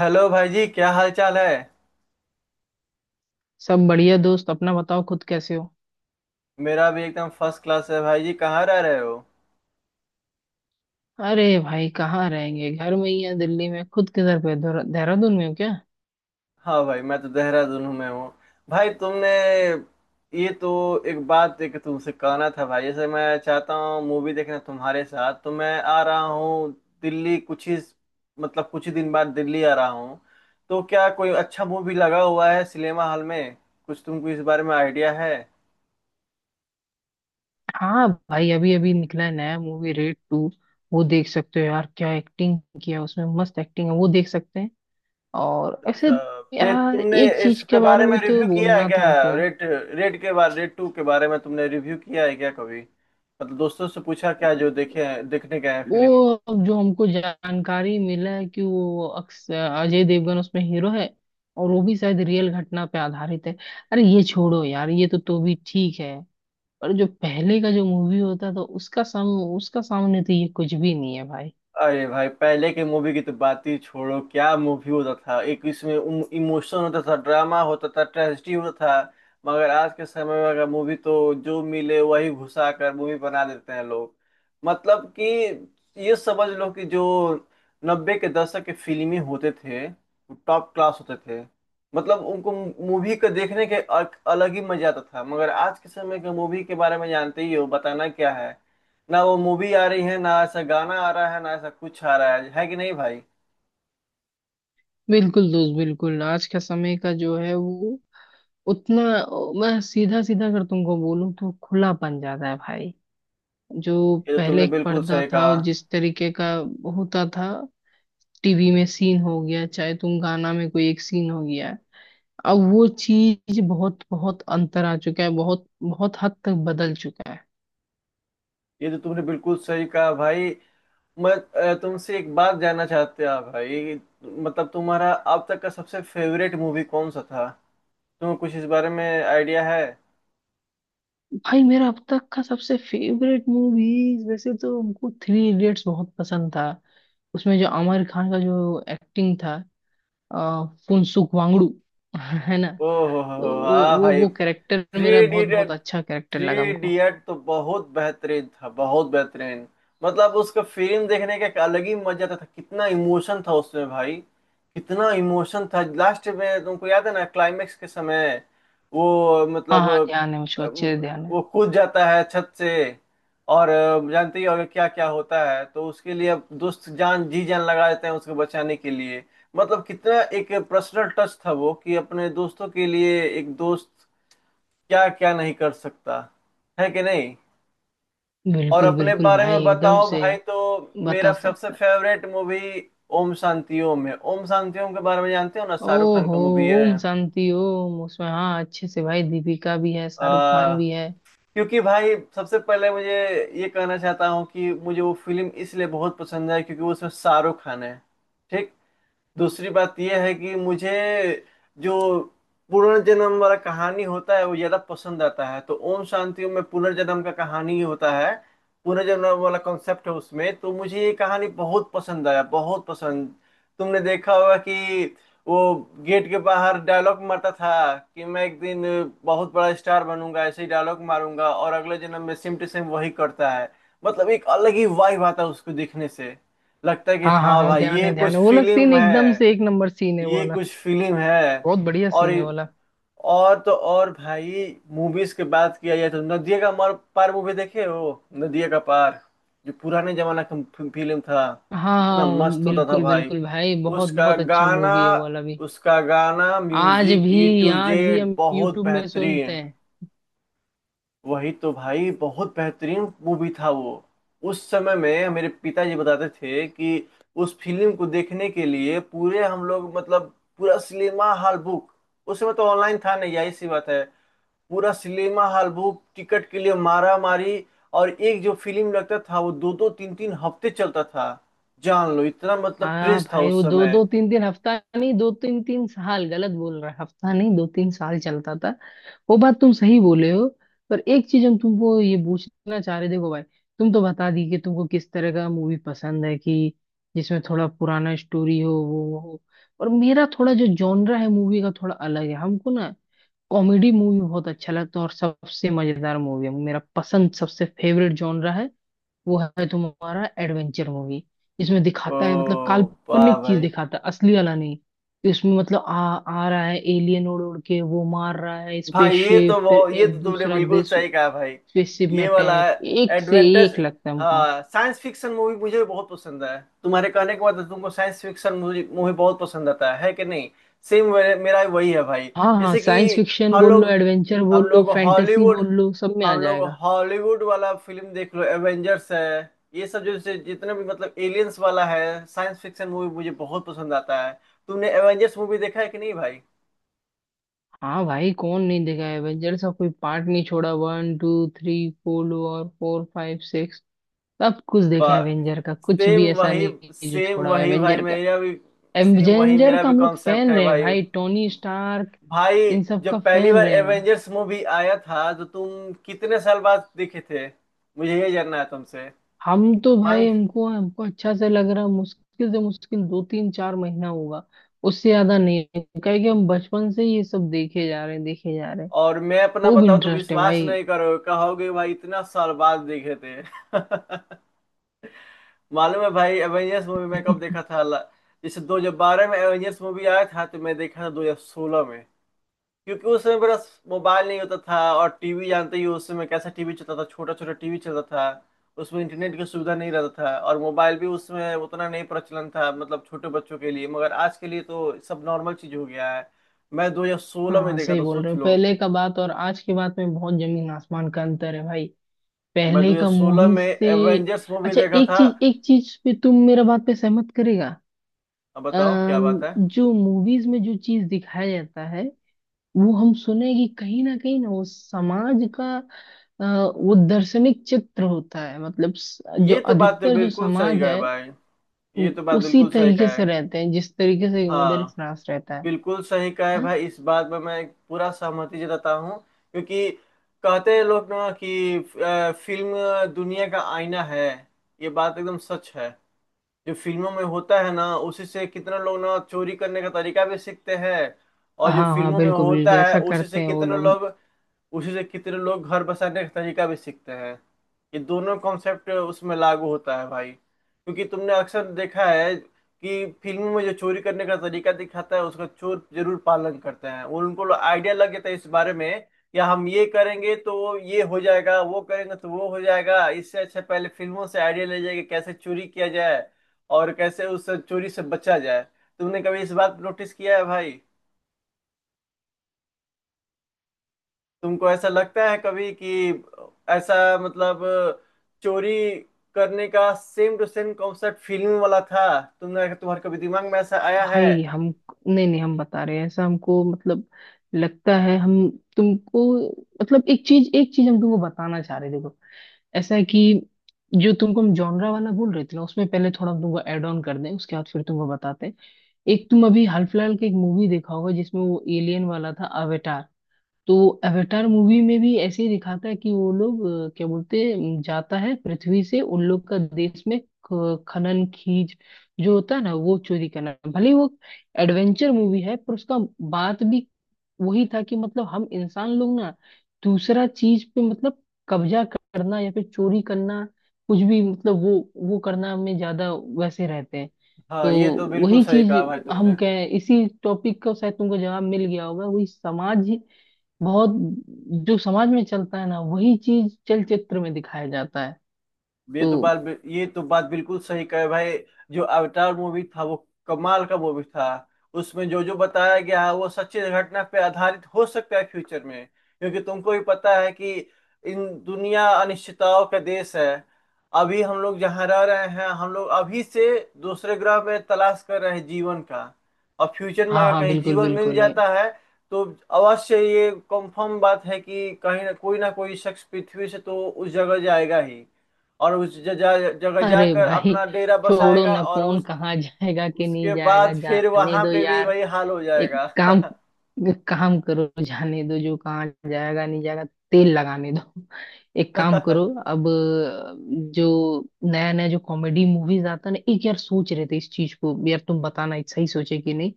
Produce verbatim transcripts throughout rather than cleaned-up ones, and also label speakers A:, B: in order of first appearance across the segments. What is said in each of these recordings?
A: Hello भाई जी, क्या हाल चाल है?
B: सब बढ़िया दोस्त। अपना बताओ, खुद कैसे हो?
A: मेरा भी एकदम फर्स्ट क्लास है भाई जी। कहाँ रह रहे हो?
B: अरे भाई, कहाँ रहेंगे, घर में ही है, दिल्ली में। खुद किधर पे, देहरा- देहरादून में हो क्या?
A: हाँ भाई, मैं तो देहरादून में हूँ। भाई तुमने ये तो एक बात एक तुमसे कहना था भाई, जैसे मैं चाहता हूँ मूवी देखना तुम्हारे साथ तो मैं आ रहा हूँ। दिल्ली कुछ ही मतलब कुछ ही दिन बाद दिल्ली आ रहा हूँ। तो क्या कोई अच्छा मूवी लगा हुआ है सिनेमा हॉल में? कुछ तुमको इस बारे में आइडिया है?
B: हाँ भाई, अभी अभी निकला है नया मूवी, रेड टू। वो देख सकते हो यार, क्या एक्टिंग किया है उसमें, मस्त एक्टिंग है, वो देख सकते हैं। और ऐसे
A: अच्छा। दे
B: यार,
A: तुमने
B: एक चीज
A: इसके
B: के बारे
A: बारे में
B: में तो
A: रिव्यू किया है
B: बोलना था
A: क्या?
B: हमको।
A: रेड रेड के बारे रेड टू के बारे में तुमने रिव्यू किया है क्या कभी, मतलब दोस्तों से पूछा क्या जो देखे हैं, देखने गए हैं
B: वो,
A: फिल्म?
B: अब जो हमको जानकारी मिला है कि वो अक्स- अजय देवगन उसमें हीरो है। और वो भी शायद रियल घटना पे आधारित है। अरे ये छोड़ो यार, ये तो तो भी ठीक है। पर जो पहले का जो मूवी होता था, उसका सम उसका सामने तो ये कुछ भी नहीं है भाई।
A: अरे भाई पहले के मूवी की तो बात ही छोड़ो, क्या मूवी होता था! एक इसमें इमोशन होता था, ड्रामा होता था, ट्रेजेडी होता था। मगर आज के समय में अगर मूवी, तो जो मिले वही घुसा कर मूवी बना देते हैं लोग। मतलब कि ये समझ लो कि जो नब्बे के दशक के फिल्में होते थे, टॉप क्लास होते थे। मतलब उनको, मूवी को देखने के अ- अलग ही मजा आता था। मगर आज के समय के मूवी के बारे में जानते ही हो, बताना क्या है। ना वो मूवी आ रही है, ना ऐसा गाना आ रहा है, ना ऐसा कुछ आ रहा है है कि नहीं भाई ये?
B: बिल्कुल दोस्त, बिल्कुल। आज का समय का जो है वो उतना, मैं सीधा सीधा अगर तुमको बोलूं तो खुला बन जाता है भाई। जो
A: तो
B: पहले
A: तुमने
B: एक
A: बिल्कुल
B: पर्दा
A: सही
B: था
A: कहा।
B: और जिस तरीके का होता था, टीवी में सीन हो गया चाहे तुम गाना में कोई एक सीन हो गया, अब वो चीज बहुत बहुत अंतर आ चुका है, बहुत बहुत हद तक बदल चुका है।
A: ये तो तुमने बिल्कुल सही कहा भाई। मैं अ, तुमसे एक बात जानना चाहते हैं भाई। मतलब तुम्हारा अब तक का सबसे फेवरेट मूवी कौन सा था? तुम्हें कुछ इस बारे में आइडिया है?
B: भाई मेरा अब तक का सबसे फेवरेट मूवीज, वैसे तो हमको थ्री इडियट्स बहुत पसंद था। उसमें जो आमिर खान का जो एक्टिंग था, आ, फुनसुक वांगडू। है ना।
A: ओ हो हो हो,
B: तो वो
A: हाँ
B: वो
A: भाई।
B: वो कैरेक्टर
A: थ्री
B: मेरा बहुत बहुत
A: इडियट,
B: अच्छा कैरेक्टर
A: थ्री
B: लगा हमको।
A: इडियट तो बहुत बेहतरीन था, बहुत बेहतरीन। मतलब उसका फिल्म देखने का एक अलग ही मजा था, कितना इमोशन था उसमें भाई। कितना इमोशन था लास्ट में, तुमको याद है ना क्लाइमेक्स के समय? वो
B: हाँ
A: मतलब,
B: हाँ, ध्यान है, मुझको
A: अम,
B: अच्छे से ध्यान है।
A: वो कूद जाता है छत से, और अ, जानते ही होगे क्या क्या होता है, तो उसके लिए अब दोस्त जान जी जान लगा देते हैं उसको बचाने के लिए। मतलब कितना एक पर्सनल टच था वो, कि अपने दोस्तों के लिए एक दोस्त क्या क्या नहीं कर सकता, है कि नहीं? और
B: बिल्कुल
A: अपने
B: बिल्कुल
A: बारे में
B: भाई, एकदम
A: बताओ
B: से।
A: भाई, तो मेरा
B: बता
A: सबसे
B: सकता है।
A: फेवरेट मूवी ओम शांति ओम है। ओम शांति ओम के बारे में जानते हो ना, शाहरुख खान
B: ओहो।
A: का मूवी है।
B: ओम शांति ओम, उसमें हाँ अच्छे से भाई, दीपिका भी है, शाहरुख
A: आ,
B: खान भी है।
A: क्योंकि भाई सबसे पहले मुझे ये कहना चाहता हूँ कि मुझे वो फिल्म इसलिए बहुत पसंद है क्योंकि उसमें शाहरुख खान है, ठीक। दूसरी बात यह है कि मुझे जो पुनर्जन्म वाला कहानी होता है वो ज्यादा पसंद आता है, तो ओम शांति ओम में पुनर्जन्म का कहानी ही होता है, पुनर्जन्म वाला कॉन्सेप्ट है उसमें। तो मुझे ये कहानी बहुत पसंद आया, बहुत पसंद। तुमने देखा होगा कि वो गेट के बाहर डायलॉग मारता था कि मैं एक दिन बहुत बड़ा स्टार बनूंगा, ऐसे ही डायलॉग मारूंगा, और अगले जन्म में सेम टू सेम वही करता है। मतलब एक अलग ही वाइब आता है उसको देखने से, लगता है कि
B: हाँ हाँ
A: हाँ
B: हाँ,
A: भाई,
B: ध्यान
A: ये
B: है ध्यान
A: कुछ
B: है, वो वाला सीन
A: फिल्म
B: एकदम
A: है,
B: से एक नंबर सीन है, वो
A: ये
B: वाला।
A: कुछ फिल्म है।
B: बहुत बढ़िया
A: और
B: सीन है वाला।
A: और तो और भाई, मूवीज की बात किया जाए तो नदिया का मर पार मूवी देखे हो? नदिया का पार, जो पुराने जमाना का फिल्म था।
B: हाँ
A: कितना
B: हाँ,
A: मस्त होता था
B: बिल्कुल
A: भाई
B: बिल्कुल भाई, बहुत
A: उसका
B: बहुत अच्छा
A: गाना!
B: मूवी है, वो वाला भी।
A: उसका गाना
B: आज
A: म्यूजिक ई
B: भी
A: टू
B: आज भी
A: जेड
B: हम
A: बहुत
B: यूट्यूब में सुनते
A: बेहतरीन।
B: हैं।
A: वही तो भाई, बहुत बेहतरीन मूवी था वो। उस समय में मेरे पिताजी बताते थे कि उस फिल्म को देखने के लिए पूरे हम लोग, मतलब पूरा सिनेमा हॉल बुक, उस समय तो ऑनलाइन था नहीं, यही सी बात है। पूरा सिनेमा हॉल बुक, टिकट के लिए मारा मारी। और एक जो फिल्म लगता था वो दो दो तीन तीन हफ्ते चलता था। जान लो इतना मतलब
B: हाँ
A: क्रेज था
B: भाई,
A: उस
B: वो दो
A: समय।
B: दो तीन तीन हफ्ता नहीं, दो तीन तीन साल, गलत बोल रहा है, हफ्ता नहीं, दो तीन साल चलता था। वो बात तुम सही बोले हो। पर एक चीज हम तुमको ये पूछना चाह रहे, देखो भाई। तुम तो बता दी कि तुमको किस तरह का मूवी पसंद है, कि जिसमें थोड़ा पुराना स्टोरी हो, वो हो। और मेरा थोड़ा जो जॉनरा है मूवी का थोड़ा अलग है, हमको ना कॉमेडी मूवी बहुत अच्छा लगता है, और सबसे मजेदार मूवी है मेरा पसंद, सबसे फेवरेट जॉनरा है। वो है तुम्हारा एडवेंचर मूवी। इसमें
A: ओ,
B: दिखाता है मतलब
A: वाह
B: काल्पनिक चीज
A: भाई!
B: दिखाता है, असली वाला नहीं, कि उसमें मतलब आ आ रहा है एलियन, उड़ उड़ के वो मार रहा है,
A: भाई ये तो
B: स्पेसशिप फिर
A: बहुत, ये
B: एक
A: तो तुमने
B: दूसरा
A: बिल्कुल
B: देश,
A: सही कहा भाई।
B: स्पेसशिप में
A: ये वाला
B: अटैक, एक से एक
A: एडवेंचर!
B: लगता है हमको।
A: हाँ साइंस फिक्शन मूवी मुझे भी बहुत पसंद है। तुम्हारे कहने के बाद तुमको साइंस फिक्शन मूवी मूवी बहुत पसंद आता है है कि नहीं? सेम, मेरा भी वही है भाई।
B: हाँ हाँ,
A: जैसे कि
B: साइंस फिक्शन
A: हम
B: बोल लो,
A: लोग
B: एडवेंचर
A: हम
B: बोल लो,
A: लोग
B: फैंटेसी
A: हॉलीवुड
B: बोल लो, सब में आ
A: हम लोग
B: जाएगा।
A: हॉलीवुड वाला फिल्म देख लो, एवेंजर्स है। ये सब जो से- जितने भी मतलब एलियंस वाला है, साइंस फिक्शन मूवी मुझे बहुत पसंद आता है। तुमने एवेंजर्स मूवी देखा है कि नहीं भाई?
B: हाँ भाई, कौन नहीं देखा है एवेंजर्स का, कोई पार्ट नहीं छोड़ा, वन टू थ्री फोर और फोर फाइव सिक्स, सब कुछ देखा है एवेंजर का, कुछ
A: सेम
B: भी ऐसा
A: वही,
B: नहीं है जो
A: सेम
B: छोड़ा है
A: वही भाई
B: एवेंजर का।
A: मेरा भी। सेम वही,
B: एवेंजर
A: मेरा
B: का
A: भी
B: हम लोग
A: कॉन्सेप्ट
B: फैन
A: है
B: रहे हैं
A: भाई।
B: भाई, टोनी स्टार्क,
A: भाई,
B: इन सब का
A: जब पहली
B: फैन
A: बार
B: रहे हैं।
A: एवेंजर्स मूवी आया था तो तुम कितने साल बाद देखे थे? मुझे ये जानना है तुमसे।
B: हम तो भाई,
A: मांग
B: हमको हमको अच्छा से लग रहा है, मुश्किल से मुश्किल दो तीन चार महीना होगा, उससे ज्यादा नहीं, क्योंकि हम बचपन से ही ये सब देखे जा रहे हैं, देखे जा रहे हैं।
A: और मैं अपना
B: खूब
A: बताऊं तो
B: इंटरेस्ट है
A: विश्वास
B: भाई।
A: नहीं करोगे, कहोगे भाई इतना साल बाद देखे थे। मालूम है भाई एवेंजर्स मूवी मैं कब देखा था? ला- जैसे दो हज़ार बारह में एवेंजर्स मूवी आया था तो मैं देखा था दो हज़ार सोलह में। क्योंकि उस समय मेरा मोबाइल नहीं होता था, और टीवी जानते ही हो, उस समय कैसा टीवी चलता था, छोटा छोटा टीवी चलता था। उसमें इंटरनेट की सुविधा नहीं रहता था, और मोबाइल भी उस समय उतना नहीं प्रचलन था, मतलब छोटे बच्चों के लिए। मगर आज के लिए तो सब नॉर्मल चीज हो गया है। मैं दो हज़ार सोलह
B: हाँ
A: में
B: हाँ,
A: देखा
B: सही
A: था,
B: बोल रहे
A: सोच
B: हो,
A: लो।
B: पहले का बात और आज की बात में बहुत जमीन आसमान का अंतर है भाई,
A: मैं
B: पहले का
A: दो हज़ार सोलह
B: मूवी
A: में
B: से।
A: एवेंजर्स मूवी
B: अच्छा,
A: देखा
B: एक
A: था।
B: चीज एक चीज पे तुम मेरा बात पे सहमत करेगा।
A: अब बताओ क्या बात
B: अम,
A: है।
B: जो मूवीज में जो चीज दिखाया जाता है, वो हम सुने कि कहीं ना कहीं ना वो समाज का अ, वो दर्शनिक चित्र होता है, मतलब स- जो
A: ये तो बात तो
B: अधिकतर जो
A: बिल्कुल सही
B: समाज
A: कहा है
B: है,
A: भाई। ये
B: उ-
A: तो बात
B: उसी
A: बिल्कुल सही
B: तरीके
A: कहा
B: से
A: है।
B: रहते हैं जिस तरीके से मिडिल
A: हाँ,
B: क्लास रहता है।
A: बिल्कुल सही कहा है
B: हाँ
A: भाई, इस बात में मैं पूरा सहमति जताता हूँ। क्योंकि कहते हैं लोग ना कि अ, फिल्म दुनिया का आईना है, ये बात एकदम सच है। जो फिल्मों में होता है ना, उसी से कितने लोग ना चोरी करने का तरीका भी सीखते हैं। और जो
B: हाँ हाँ,
A: फिल्मों में
B: बिल्कुल बिल्कुल,
A: होता है
B: ऐसा
A: उसी
B: करते
A: से
B: हैं वो
A: कितने
B: लोग।
A: लोग, उसी से कितने लोग घर बसाने का तरीका भी सीखते हैं। ये दोनों कॉन्सेप्ट उसमें लागू होता है भाई, क्योंकि तुमने अक्सर देखा है कि फिल्मों में जो चोरी करने का तरीका दिखाता है, उसका चोर जरूर पालन करते हैं। वो उनको आइडिया लग जाता है इस बारे में, या हम ये करेंगे तो वो ये हो जाएगा, वो करेंगे तो वो हो जाएगा, इससे अच्छा पहले फिल्मों से आइडिया ले जाएगा कैसे चोरी किया जाए, और कैसे उस चोरी से बचा जाए। तुमने कभी इस बात नोटिस किया है भाई? तुमको ऐसा लगता है कभी कि ऐसा, मतलब चोरी करने का same to same concept film वाला था? तुमने तुम्हारे कभी दिमाग में ऐसा आया है?
B: भाई हम, नहीं नहीं, हम बता रहे हैं, ऐसा हमको मतलब लगता है हम, तुमको मतलब, एक चीज एक चीज हम तुमको बताना चाह रहे हैं, देखो। ऐसा है कि जो तुमको हम जॉनरा वाला बोल रहे थे ना, उसमें पहले थोड़ा हम तुमको ऐड ऑन कर दें, उसके बाद फिर तुमको बताते हैं। एक तुम अभी हाल फिलहाल की एक मूवी देखा होगा, जिसमें वो एलियन वाला था, अवेटार। तो अवतार मूवी में भी ऐसे ही दिखाता है कि वो लोग, अ, क्या बोलते हैं, जाता है पृथ्वी से उन लोग का देश में, ख- खनन खीज जो होता है ना, वो चोरी करना, भले ही वो एडवेंचर मूवी है, पर उसका बात भी वही था कि मतलब हम इंसान लोग ना, दूसरा चीज पे मतलब कब्जा करना या फिर चोरी करना, कुछ भी मतलब वो वो करना में ज्यादा वैसे रहते हैं। तो
A: हाँ ये तो बिल्कुल
B: वही
A: सही
B: चीज
A: कहा भाई
B: हम
A: तुमने।
B: कह, इसी टॉपिक का शायद तुमको जवाब मिल गया होगा, वही समाज बहुत, जो समाज में चलता है ना वही चीज चलचित्र में दिखाया जाता है,
A: ये तो
B: तो।
A: बात बि- ये तो बात बिल्कुल सही कहे भाई। जो अवतार मूवी था वो कमाल का मूवी था। उसमें जो जो बताया गया है वो सच्ची घटना पे आधारित हो सकता है फ्यूचर में, क्योंकि तुमको भी पता है कि इन दुनिया अनिश्चितताओं का देश है। अभी हम लोग जहाँ रह रहे हैं, हम लोग अभी से दूसरे ग्रह में तलाश कर रहे हैं जीवन का। और फ्यूचर में
B: हाँ
A: अगर
B: हाँ,
A: कहीं
B: बिल्कुल
A: जीवन मिल
B: बिल्कुल है।
A: जाता है तो अवश्य ये कंफर्म बात है कि कहीं ना कोई ना कोई शख्स पृथ्वी से तो उस जगह जाएगा ही। और उस जगह जगह
B: अरे
A: जाकर
B: भाई,
A: अपना डेरा
B: छोड़ो
A: बसाएगा,
B: ना,
A: और
B: कौन
A: उस,
B: कहाँ जाएगा कि नहीं
A: उसके
B: जाएगा,
A: बाद फिर
B: जाने
A: वहां
B: दो
A: पे भी
B: यार।
A: वही हाल हो
B: एक
A: जाएगा।
B: काम एक काम करो, जाने दो, जो कहाँ जाएगा नहीं जाएगा, तेल लगाने दो। एक काम करो अब, अ, जो नया नया जो कॉमेडी मूवीज आता है ना, एक यार सोच रहे थे इस चीज को, यार तुम बताना एक सही सोचे कि नहीं।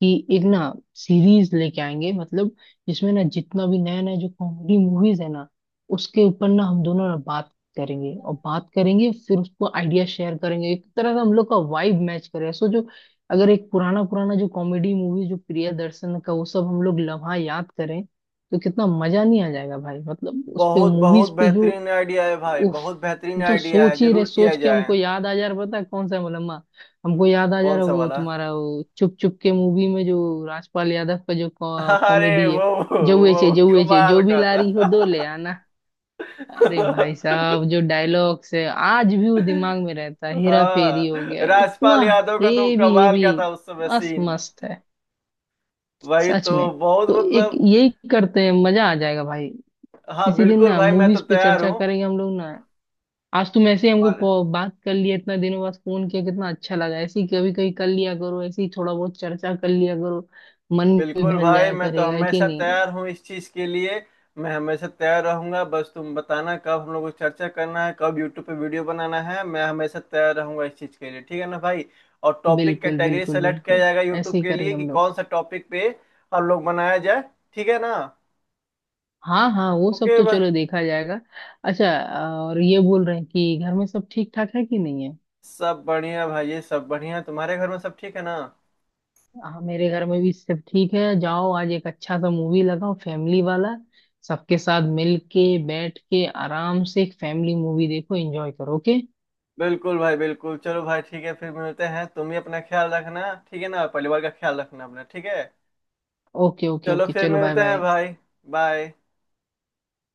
B: कि एक ना सीरीज लेके आएंगे, मतलब जिसमें ना जितना भी नया नया जो कॉमेडी मूवीज है ना, उसके ऊपर ना हम दोनों ना बात करेंगे, और बात करेंगे, फिर उसको आइडिया शेयर करेंगे, एक तरह से हम लोग का वाइब मैच करेगा, सोचो। अगर एक पुराना पुराना जो कॉमेडी मूवी जो प्रियदर्शन का वो सब हम लोग लम्हा याद करें, तो कितना मजा नहीं आ जाएगा भाई, मतलब उस पे
A: बहुत, बहुत
B: मूवीज पे जो।
A: बेहतरीन आइडिया है भाई,
B: उफ,
A: बहुत बेहतरीन
B: हम तो
A: आइडिया है,
B: सोच ही रहे
A: जरूर किया
B: सोच के,
A: जाए।
B: हमको याद आ जा रहा, पता है कौन सा मलम्मा, हमको याद आ जा
A: कौन
B: रहा
A: सा
B: वो
A: वाला?
B: तुम्हारा, वो चुप चुप के मूवी में जो राजपाल यादव का जो
A: अरे
B: कॉमेडी है,
A: वो,
B: जौए
A: वो
B: चे जौए चे,
A: कमाल
B: जो भी
A: का
B: ला
A: था।
B: रही हो दो ले आना। अरे भाई साहब, जो डायलॉग्स है आज भी वो दिमाग में रहता है, हेरा फेरी हो
A: हाँ,
B: गया
A: राजपाल
B: इतना।
A: यादव का तो
B: हेवी
A: कमाल
B: हेवी
A: का था उस समय
B: मस्त
A: सीन।
B: मस्त है,
A: वही
B: सच
A: तो,
B: में।
A: बहुत
B: तो एक
A: मतलब।
B: यही करते हैं, मजा आ जाएगा भाई।
A: हाँ
B: इसी दिन
A: बिल्कुल
B: ना
A: भाई, मैं तो
B: मूवीज पे
A: तैयार
B: चर्चा
A: हूँ।
B: करेंगे हम लोग ना। आज तुम ऐसे ही हमको
A: और
B: कॉ- बात कर लिया, इतना दिनों बाद फोन किया, कितना अच्छा लगा, ऐसे ही कभी कभी कर लिया करो, ऐसे ही थोड़ा बहुत चर्चा कर लिया करो, मन भी
A: बिल्कुल
B: बहल
A: भाई,
B: जाया
A: मैं तो
B: करेगा, है कि
A: हमेशा
B: नहीं?
A: तैयार हूँ इस चीज के लिए। मैं हमेशा तैयार रहूंगा, बस तुम बताना कब हम लोग को चर्चा करना है, कब यूट्यूब पे वीडियो बनाना है। मैं हमेशा तैयार रहूंगा इस चीज के लिए, ठीक है ना भाई? और टॉपिक
B: बिल्कुल
A: कैटेगरी
B: बिल्कुल
A: सेलेक्ट किया
B: बिल्कुल,
A: जाएगा
B: ऐसे
A: यूट्यूब
B: ही
A: के लिए
B: करेंगे
A: कि
B: हम लोग।
A: कौन सा टॉपिक पे हम लोग बनाया जाए, ठीक है ना?
B: हाँ हाँ वो सब
A: ओके
B: तो
A: भाई।
B: चलो देखा जाएगा। अच्छा। और ये बोल रहे हैं कि घर में सब ठीक ठाक है कि नहीं है?
A: सब बढ़िया भाई ये, सब बढ़िया, तुम्हारे घर में सब ठीक है ना?
B: हाँ, मेरे घर में भी सब ठीक है। जाओ, आज एक अच्छा सा मूवी लगाओ, फैमिली वाला, सबके साथ मिल के बैठ के आराम से एक फैमिली मूवी देखो, एंजॉय करो, ओके।
A: बिल्कुल भाई बिल्कुल। चलो भाई ठीक है, फिर मिलते हैं। तुम भी अपना ख्याल रखना, ठीक है ना? परिवार का ख्याल रखना अपना, ठीक है।
B: ओके ओके
A: चलो
B: ओके
A: फिर
B: चलो, बाय
A: मिलते हैं
B: बाय।
A: भाई। बाय।